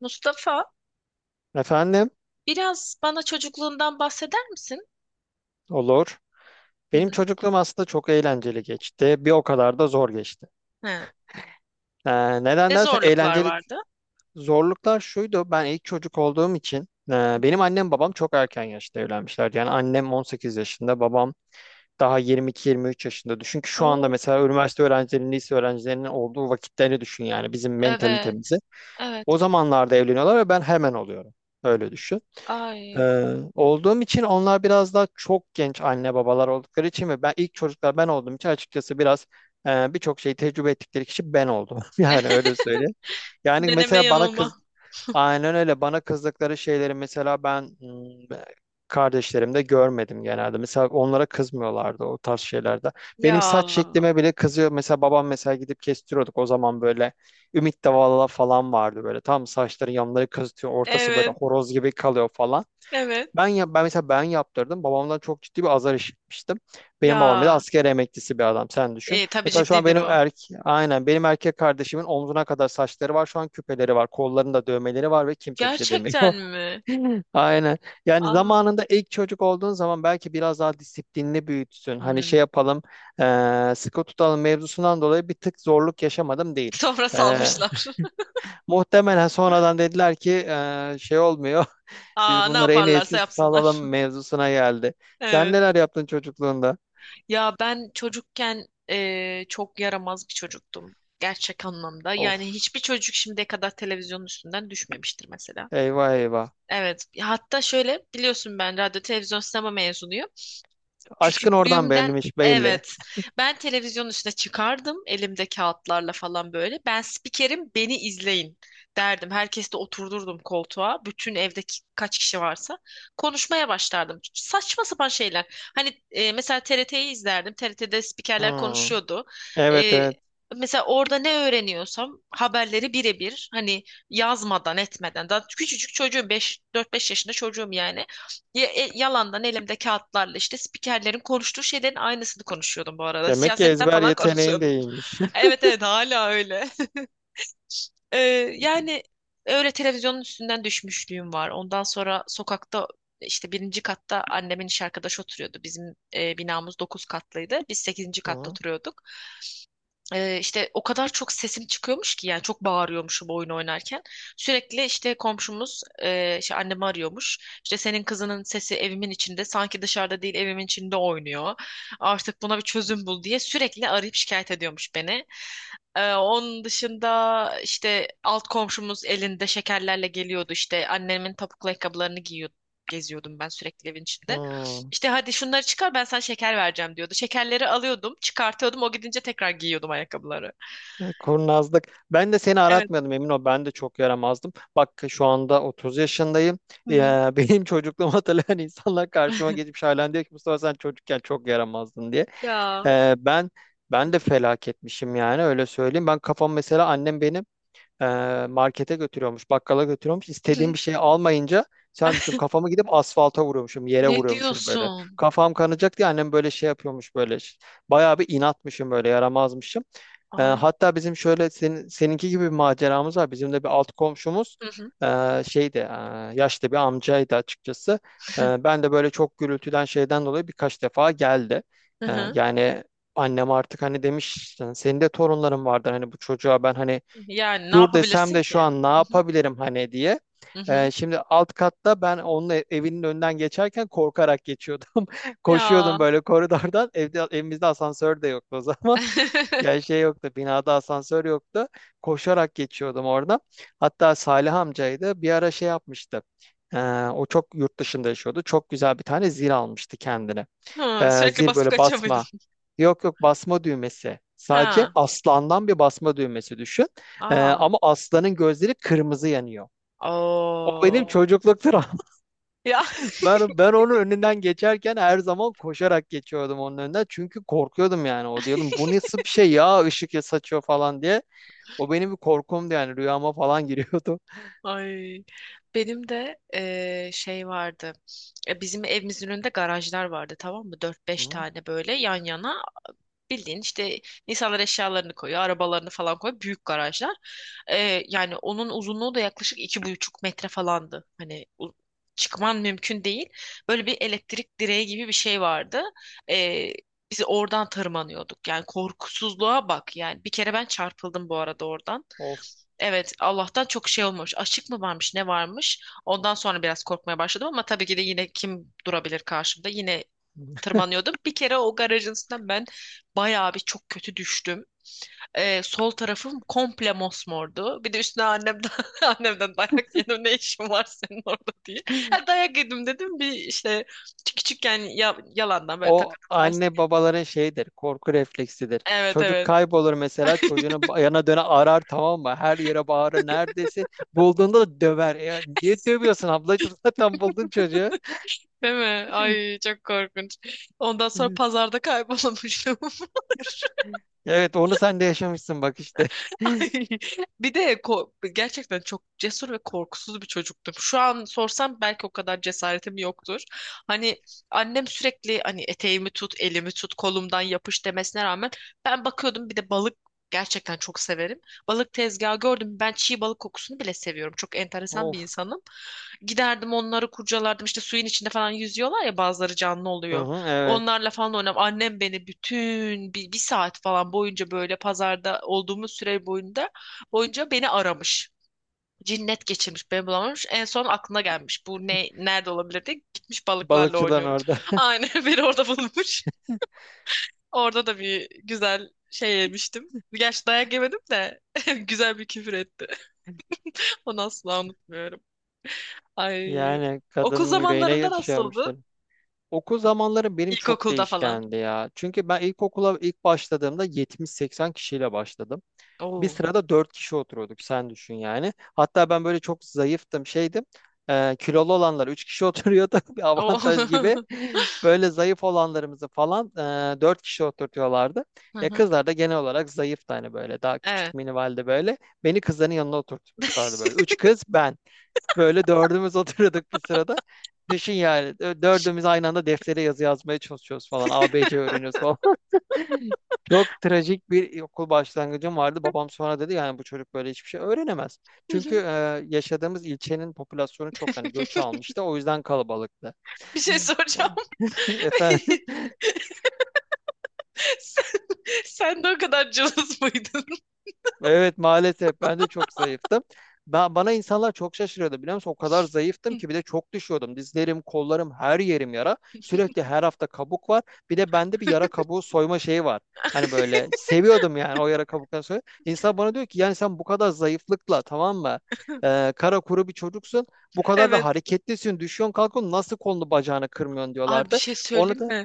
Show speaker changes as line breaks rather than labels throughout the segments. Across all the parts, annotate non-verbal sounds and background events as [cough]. Mustafa,
Efendim,
biraz bana çocukluğundan bahseder misin?
olur.
Hı
Benim
hı.
çocukluğum aslında çok eğlenceli geçti. Bir o kadar da zor geçti.
He.
Neden
Ne
dersen
zorluklar
eğlenceli
vardı?
zorluklar şuydu. Ben ilk çocuk olduğum için e,
Hı
benim
hı.
annem babam çok erken yaşta evlenmişlerdi. Yani annem 18 yaşında, babam daha 22-23 yaşında. Düşün ki şu anda
Oo,
mesela üniversite öğrencilerinin, lise öğrencilerinin olduğu vakitlerini düşün yani bizim
evet.
mentalitemizi.
Evet.
O zamanlarda evleniyorlar ve ben hemen oluyorum. Öyle düşün.
Ay.
Olduğum için onlar biraz daha çok genç anne babalar oldukları için ve ben ilk çocuklar ben olduğum için açıkçası biraz birçok şeyi tecrübe ettikleri kişi ben oldum. [laughs] Yani öyle söyleyeyim.
[laughs]
Yani
Deneme
mesela bana kız
yanılma.
aynen öyle bana kızdıkları şeyleri mesela ben kardeşlerimde görmedim genelde. Mesela onlara kızmıyorlardı o tarz şeylerde. Benim saç
Ya.
şeklime bile kızıyor. Mesela babam mesela gidip kestiriyorduk o zaman böyle Ümit Davala falan vardı böyle. Tam saçların yanları kızıtıyor. Ortası böyle
Evet.
horoz gibi kalıyor falan.
Evet.
Ben mesela ben yaptırdım. Babamdan çok ciddi bir azar işitmiştim. Benim babam bile
Ya.
asker emeklisi bir adam sen düşün.
Tabii
Mesela şu an
ciddidir
benim
o.
erk aynen benim erkek kardeşimin omzuna kadar saçları var. Şu an küpeleri var. Kollarında dövmeleri var ve kimse bir şey demiyor.
Gerçekten mi?
[laughs] Aynen. Yani
Aa.
zamanında ilk çocuk olduğun zaman belki biraz daha disiplinli büyütsün. Hani şey
Hmm.
yapalım, sıkı tutalım mevzusundan dolayı bir tık zorluk yaşamadım değil.
Sonra
Eee,
salmışlar.
muhtemelen sonradan dediler ki şey olmuyor.
[laughs]
Biz
Aa, ne
bunları en
yaparlarsa
iyisi
yapsınlar.
salalım mevzusuna geldi. Sen
Evet.
neler yaptın çocukluğunda?
Ya ben çocukken çok yaramaz bir çocuktum. Gerçek anlamda.
Of,
Yani hiçbir çocuk şimdiye kadar televizyonun üstünden düşmemiştir mesela.
eyvah eyvah.
Evet. Hatta şöyle biliyorsun, ben radyo televizyon sinema mezunuyum.
Aşkın oradan
Küçüklüğümden
belliymiş belli.
evet. Ben televizyonun üstüne çıkardım, elimde kağıtlarla falan böyle. Ben spikerim, beni izleyin derdim. Herkesi de oturdurdum koltuğa. Bütün evdeki kaç kişi varsa konuşmaya başlardım. Saçma sapan şeyler. Hani mesela TRT'yi izlerdim. TRT'de spikerler
Hmm,
konuşuyordu.
evet
E,
evet.
mesela orada ne öğreniyorsam haberleri birebir, hani yazmadan etmeden, daha küçücük çocuğum, 5 4-5 yaşında çocuğum yani, yalandan elimde kağıtlarla işte spikerlerin konuştuğu şeylerin aynısını konuşuyordum bu arada.
Demek ki
Siyasetten
ezber
falan
yeteneğin de
konuşuyordum.
iyiymiş.
[laughs] Evet evet, hala öyle. [laughs] Ee, yani öyle televizyonun üstünden düşmüşlüğüm var. Ondan sonra sokakta işte 1. katta annemin iş arkadaşı oturuyordu. Bizim binamız 9 katlıydı. Biz sekizinci
[laughs]
katta
Hı,
oturuyorduk. İşte o kadar çok sesim çıkıyormuş ki, yani çok bağırıyormuşum oyun oynarken. Sürekli işte komşumuz işte annemi arıyormuş. İşte senin kızının sesi evimin içinde, sanki dışarıda değil evimin içinde oynuyor. Artık buna bir çözüm bul diye sürekli arayıp şikayet ediyormuş beni. Onun dışında işte alt komşumuz elinde şekerlerle geliyordu, işte annemin topuklu ayakkabılarını giyiyordum. Geziyordum ben sürekli evin içinde.
hı.
İşte hadi şunları çıkar, ben sana şeker vereceğim diyordu. Şekerleri alıyordum, çıkartıyordum. O gidince tekrar giyiyordum ayakkabıları.
Kurnazlık. Ben de seni
Evet.
aratmıyordum emin ol. Ben de çok yaramazdım. Bak şu anda 30 yaşındayım.
Hı hı.
Ya, [laughs] benim çocukluğumu hatırlayan insanlar karşıma geçip halen diyor ki Mustafa sen çocukken çok yaramazdın diye.
Ya.
Ee, ben ben de felaketmişim yani öyle söyleyeyim. Ben kafam mesela annem benim e, markete götürüyormuş, bakkala götürüyormuş. İstediğim bir
[laughs]
şeyi almayınca sen düşün kafamı gidip asfalta vuruyormuşum, yere
Ne
vuruyormuşum böyle.
diyorsun?
Kafam kanacak diye annem böyle şey yapıyormuş böyle. Bayağı bir inatmışım böyle, yaramazmışım.
Ay.
Hatta bizim şöyle senin, seninki gibi bir maceramız var. Bizim de bir alt komşumuz
Hı hı.
şeydi, yaşlı bir amcaydı açıkçası. Ben de böyle çok gürültüden şeyden dolayı birkaç defa geldi.
Hı hı.
Yani annem artık hani demiş "Sen- senin de torunların vardır hani bu çocuğa ben hani
Yani ne
dur desem
yapabilirsin
de şu
ki?
an ne
Hı hı.
yapabilirim hani diye.
Hı hı.
Şimdi alt katta ben onun ev- evinin önünden geçerken korkarak geçiyordum. [laughs]
Ya.
Koşuyordum böyle koridordan. Evde, evimizde asansör de yoktu o zaman. [laughs] Yani
[laughs]
şey yoktu, binada asansör yoktu. Koşarak geçiyordum orada. Hatta Salih amcaydı. Bir ara şey yapmıştı. Ee, o çok yurt dışında yaşıyordu. Çok güzel bir tane zil almıştı kendine.
Hı, sürekli
Zil
basıp
böyle
kaçıyor muydun?
basma. Yok yok basma düğmesi. Sadece
Ha.
aslandan bir basma düğmesi düşün.
Aa.
Ama aslanın gözleri kırmızı yanıyor. O benim
Oo.
Aa. Çocukluk travmam.
Ya
[laughs] Ben onun önünden geçerken her zaman koşarak geçiyordum onun önünden. Çünkü korkuyordum yani. O diyordum bu nasıl bir şey ya ışık ya saçıyor falan diye. O benim bir korkumdu yani rüyama falan giriyordu.
[laughs] ay, benim de şey vardı. Bizim evimizin önünde garajlar vardı, tamam mı? Dört
[laughs]
beş
Hı.
tane böyle yan yana, bildiğin işte, insanlar eşyalarını koyuyor, arabalarını falan koyuyor. Büyük garajlar. Yani onun uzunluğu da yaklaşık 2,5 metre falandı. Çıkman mümkün değil. Böyle bir elektrik direği gibi bir şey vardı. E, biz oradan tırmanıyorduk. Yani korkusuzluğa bak. Yani bir kere ben çarpıldım bu arada oradan.
Of.
Evet, Allah'tan çok şey olmamış. Açık mı varmış, ne varmış? Ondan sonra biraz korkmaya başladım, ama tabii ki de yine kim durabilir karşımda? Yine tırmanıyordum. Bir kere o garajın üstünden ben bayağı bir çok kötü düştüm. Sol tarafım komple mosmordu. Bir de üstüne annemden [laughs] annemden dayak yedim. Ne işin var senin orada diye. Ha, dayak yedim dedim. Bir işte küçükken ya, yalandan böyle
O
takılı ters.
anne babaların şeyidir, korku refleksidir.
Evet
Çocuk
evet.
kaybolur mesela çocuğunu ba- yana döne arar tamam mı? Her yere bağırır neredesin? Bulduğunda da döver. Ya niye dövüyorsun ablacığım? [laughs] Zaten buldun çocuğu.
Değil mi? Ay
[laughs]
çok korkunç. Ondan sonra
Evet,
pazarda kaybolmuştum. [laughs]
evet, onu sen de yaşamışsın bak işte.
[laughs] Ay, gerçekten çok cesur ve korkusuz bir çocuktum. Şu an sorsam belki o kadar cesaretim yoktur. Hani annem sürekli hani eteğimi tut, elimi tut, kolumdan yapış demesine rağmen ben bakıyordum, bir de balık gerçekten çok severim. Balık tezgahı gördüm. Ben çiğ balık kokusunu bile seviyorum. Çok enteresan bir
Of.
insanım. Giderdim onları kurcalardım. İşte suyun içinde falan yüzüyorlar ya, bazıları canlı
Hı
oluyor.
hı, evet.
Onlarla falan oynam. Annem beni bütün bir saat falan boyunca böyle pazarda olduğumuz süre boyunca beni aramış. Cinnet geçirmiş, beni bulamamış. En son aklına gelmiş. Bu ne nerede olabilir diye gitmiş, balıklarla
Balıkçıların
oynuyorum.
orada. [laughs]
Aynen [laughs] beni orada bulmuş. Orada da bir güzel şey yemiştim. Gerçi dayak yemedim de [laughs] güzel bir küfür etti. [laughs] Onu asla unutmuyorum. Ay.
Yani
Okul
kadının yüreğine
zamanlarında nasıldı?
yatışıyormuştur. Okul zamanları benim çok
İlkokulda falan.
değişkendi ya. Çünkü ben ilkokula ilk başladığımda 70-80 kişiyle başladım. Bir
Oo.
sırada dört kişi oturuyorduk sen düşün yani. Hatta ben böyle çok zayıftım şeydim. Kilolu olanlar üç kişi oturuyordu [laughs] bir
Oo.
avantaj gibi.
[laughs]
Böyle zayıf olanlarımızı falan dört kişi oturtuyorlardı.
Hı
Ya
hı.
kızlar da genel olarak zayıftı hani böyle daha küçük
Evet.
minivalde böyle. Beni kızların yanına oturtmuşlardı
[laughs]
böyle. Üç kız ben. Böyle dördümüz [laughs] oturuyorduk bir sırada. Düşün yani dö- dördümüz aynı anda deftere yazı yazmaya çalışıyoruz falan. A B C öğreniyoruz falan. Çok trajik bir okul başlangıcım vardı. Babam sonra dedi yani bu çocuk böyle hiçbir şey öğrenemez.
Hı
Çünkü
hı.
yaşadığımız ilçenin popülasyonu çok hani göç
[laughs]
almıştı. O yüzden kalabalıktı.
Bir şey
[laughs]
soracağım.
Efendim.
[laughs] Sen, sen de o kadar cılız mıydın?
Evet, maalesef ben de çok zayıftım. Ben, bana insanlar çok şaşırıyordu biliyor musun? O kadar zayıftım ki bir de çok düşüyordum. Dizlerim, kollarım, her yerim yara. Sürekli her hafta kabuk var. Bir de bende bir yara kabuğu soyma şeyi var. Hani böyle seviyordum yani o yara kabuklarını soy. İnsan bana diyor ki yani sen bu kadar zayıflıkla tamam mı?
[laughs]
Kara kuru bir çocuksun. Bu kadar da
Evet.
hareketlisin. Düşüyorsun kalkıyorsun. Nasıl kolunu bacağını kırmıyorsun
Ay bir
diyorlardı.
şey
Onu
söyleyeyim
da
mi?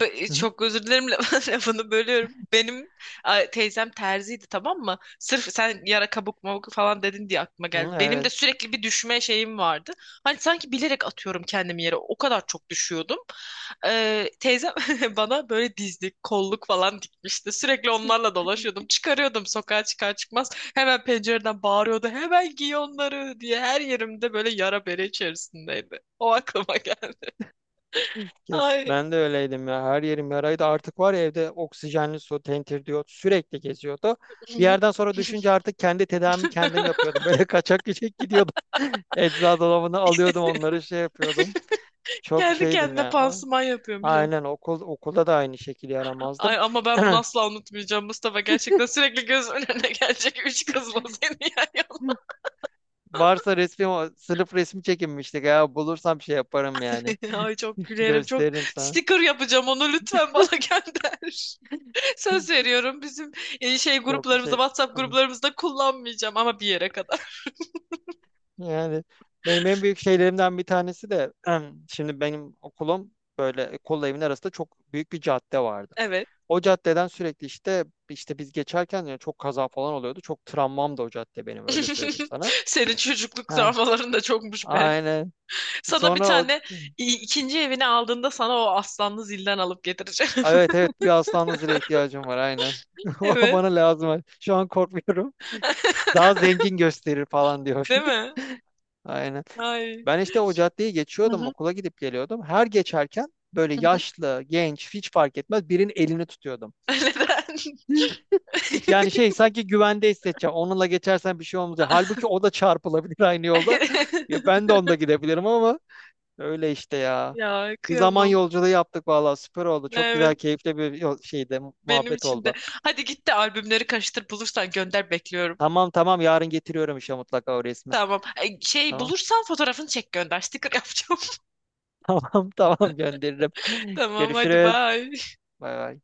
hı hı.
Çok özür dilerim, [laughs] lafını bölüyorum. Benim ay, teyzem terziydi tamam mı? Sırf sen yara kabuk mabuk falan dedin diye aklıma
Hı,
geldi. Benim
evet.
de sürekli bir düşme şeyim vardı. Hani sanki bilerek atıyorum kendimi yere. O kadar çok düşüyordum. Teyzem [laughs] bana böyle dizlik, kolluk falan dikmişti. Sürekli onlarla dolaşıyordum. Çıkarıyordum sokağa çıkar çıkmaz. Hemen pencereden bağırıyordu. Hemen giy onları diye. Her yerimde böyle yara bere içerisindeydi. O aklıma geldi.
Kes.
Ay
Ben de öyleydim ya. Her yerim yaraydı. Artık var ya evde oksijenli su, tentir diyor. Sürekli geziyordu. Bir yerden
[laughs]
sonra düşünce artık kendi tedavimi kendim yapıyordum. Böyle [laughs] kaçak göçek gidiyordum. Eczacı dolabını alıyordum onları şey yapıyordum. Çok
kendi
şeydim
kendine
ya. O-
pansuman yapıyormuş ama.
aynen okul okulda da aynı şekilde yaramazdım.
Ay ama ben
[clears throat]
bunu asla unutmayacağım Mustafa. Gerçekten sürekli gözümün önüne gelecek üç kızla seni yan
Varsa resmi o sınıf resmi çekinmiştik ya. Bulursam şey yaparım
yana.
yani.
[laughs] Ay çok
[laughs]
gülerim. Çok
Gösteririm sana.
sticker yapacağım, onu lütfen bana gönder. [laughs] Söz veriyorum, bizim şey
Çok
gruplarımızda,
şey.
WhatsApp gruplarımızda kullanmayacağım, ama bir yere kadar. [laughs]
Yani benim en büyük şeylerimden bir tanesi de [clears throat] şimdi benim okulum böyle kolla evin arasında çok büyük bir cadde vardı.
Evet.
O caddeden sürekli işte biz geçerken yani çok kaza falan oluyordu. Çok travmam da o cadde benim öyle söyleyeyim
[laughs]
sana.
Senin çocukluk
Ha,
travmaların da çokmuş be.
aynen.
Sana bir
Sonra o
tane ikinci evini aldığında sana o aslanlı zilden alıp getireceğim.
ay, evet
[laughs]
evet bir aslan nazire ihtiyacım var aynen. [laughs] O
Evet.
bana lazım. Şu an korkmuyorum. Daha
[laughs]
zengin gösterir falan diyor.
Değil
[laughs]
mi?
Aynen.
Ay.
Ben işte o caddeyi
Hı
geçiyordum,
hı.
okula gidip geliyordum. Her geçerken böyle
Hı hı.
yaşlı, genç hiç fark etmez birinin elini tutuyordum.
[laughs]
Yani şey sanki güvende hissedeceğim. Onunla geçersen bir şey olmayacak. Halbuki o da çarpılabilir aynı yolda. [laughs] Ya
Neden?
ben de
[laughs]
onda gidebilirim ama öyle işte ya.
Ya
Bir zaman
kıyamam.
yolculuğu yaptık vallahi süper oldu. Çok
Evet.
güzel, keyifli bir yol- şeydi,
Benim
muhabbet
için de.
oldu.
Hadi git de albümleri karıştır, bulursan gönder, bekliyorum.
Tamam tamam yarın getiriyorum işte mutlaka o resmi.
Tamam. Ay, şey
Tamam.
bulursan fotoğrafını çek gönder. Sticker yapacağım.
[laughs] Tamam tamam gönderirim.
[laughs] Tamam hadi
Görüşürüz.
bye.
Bay bay.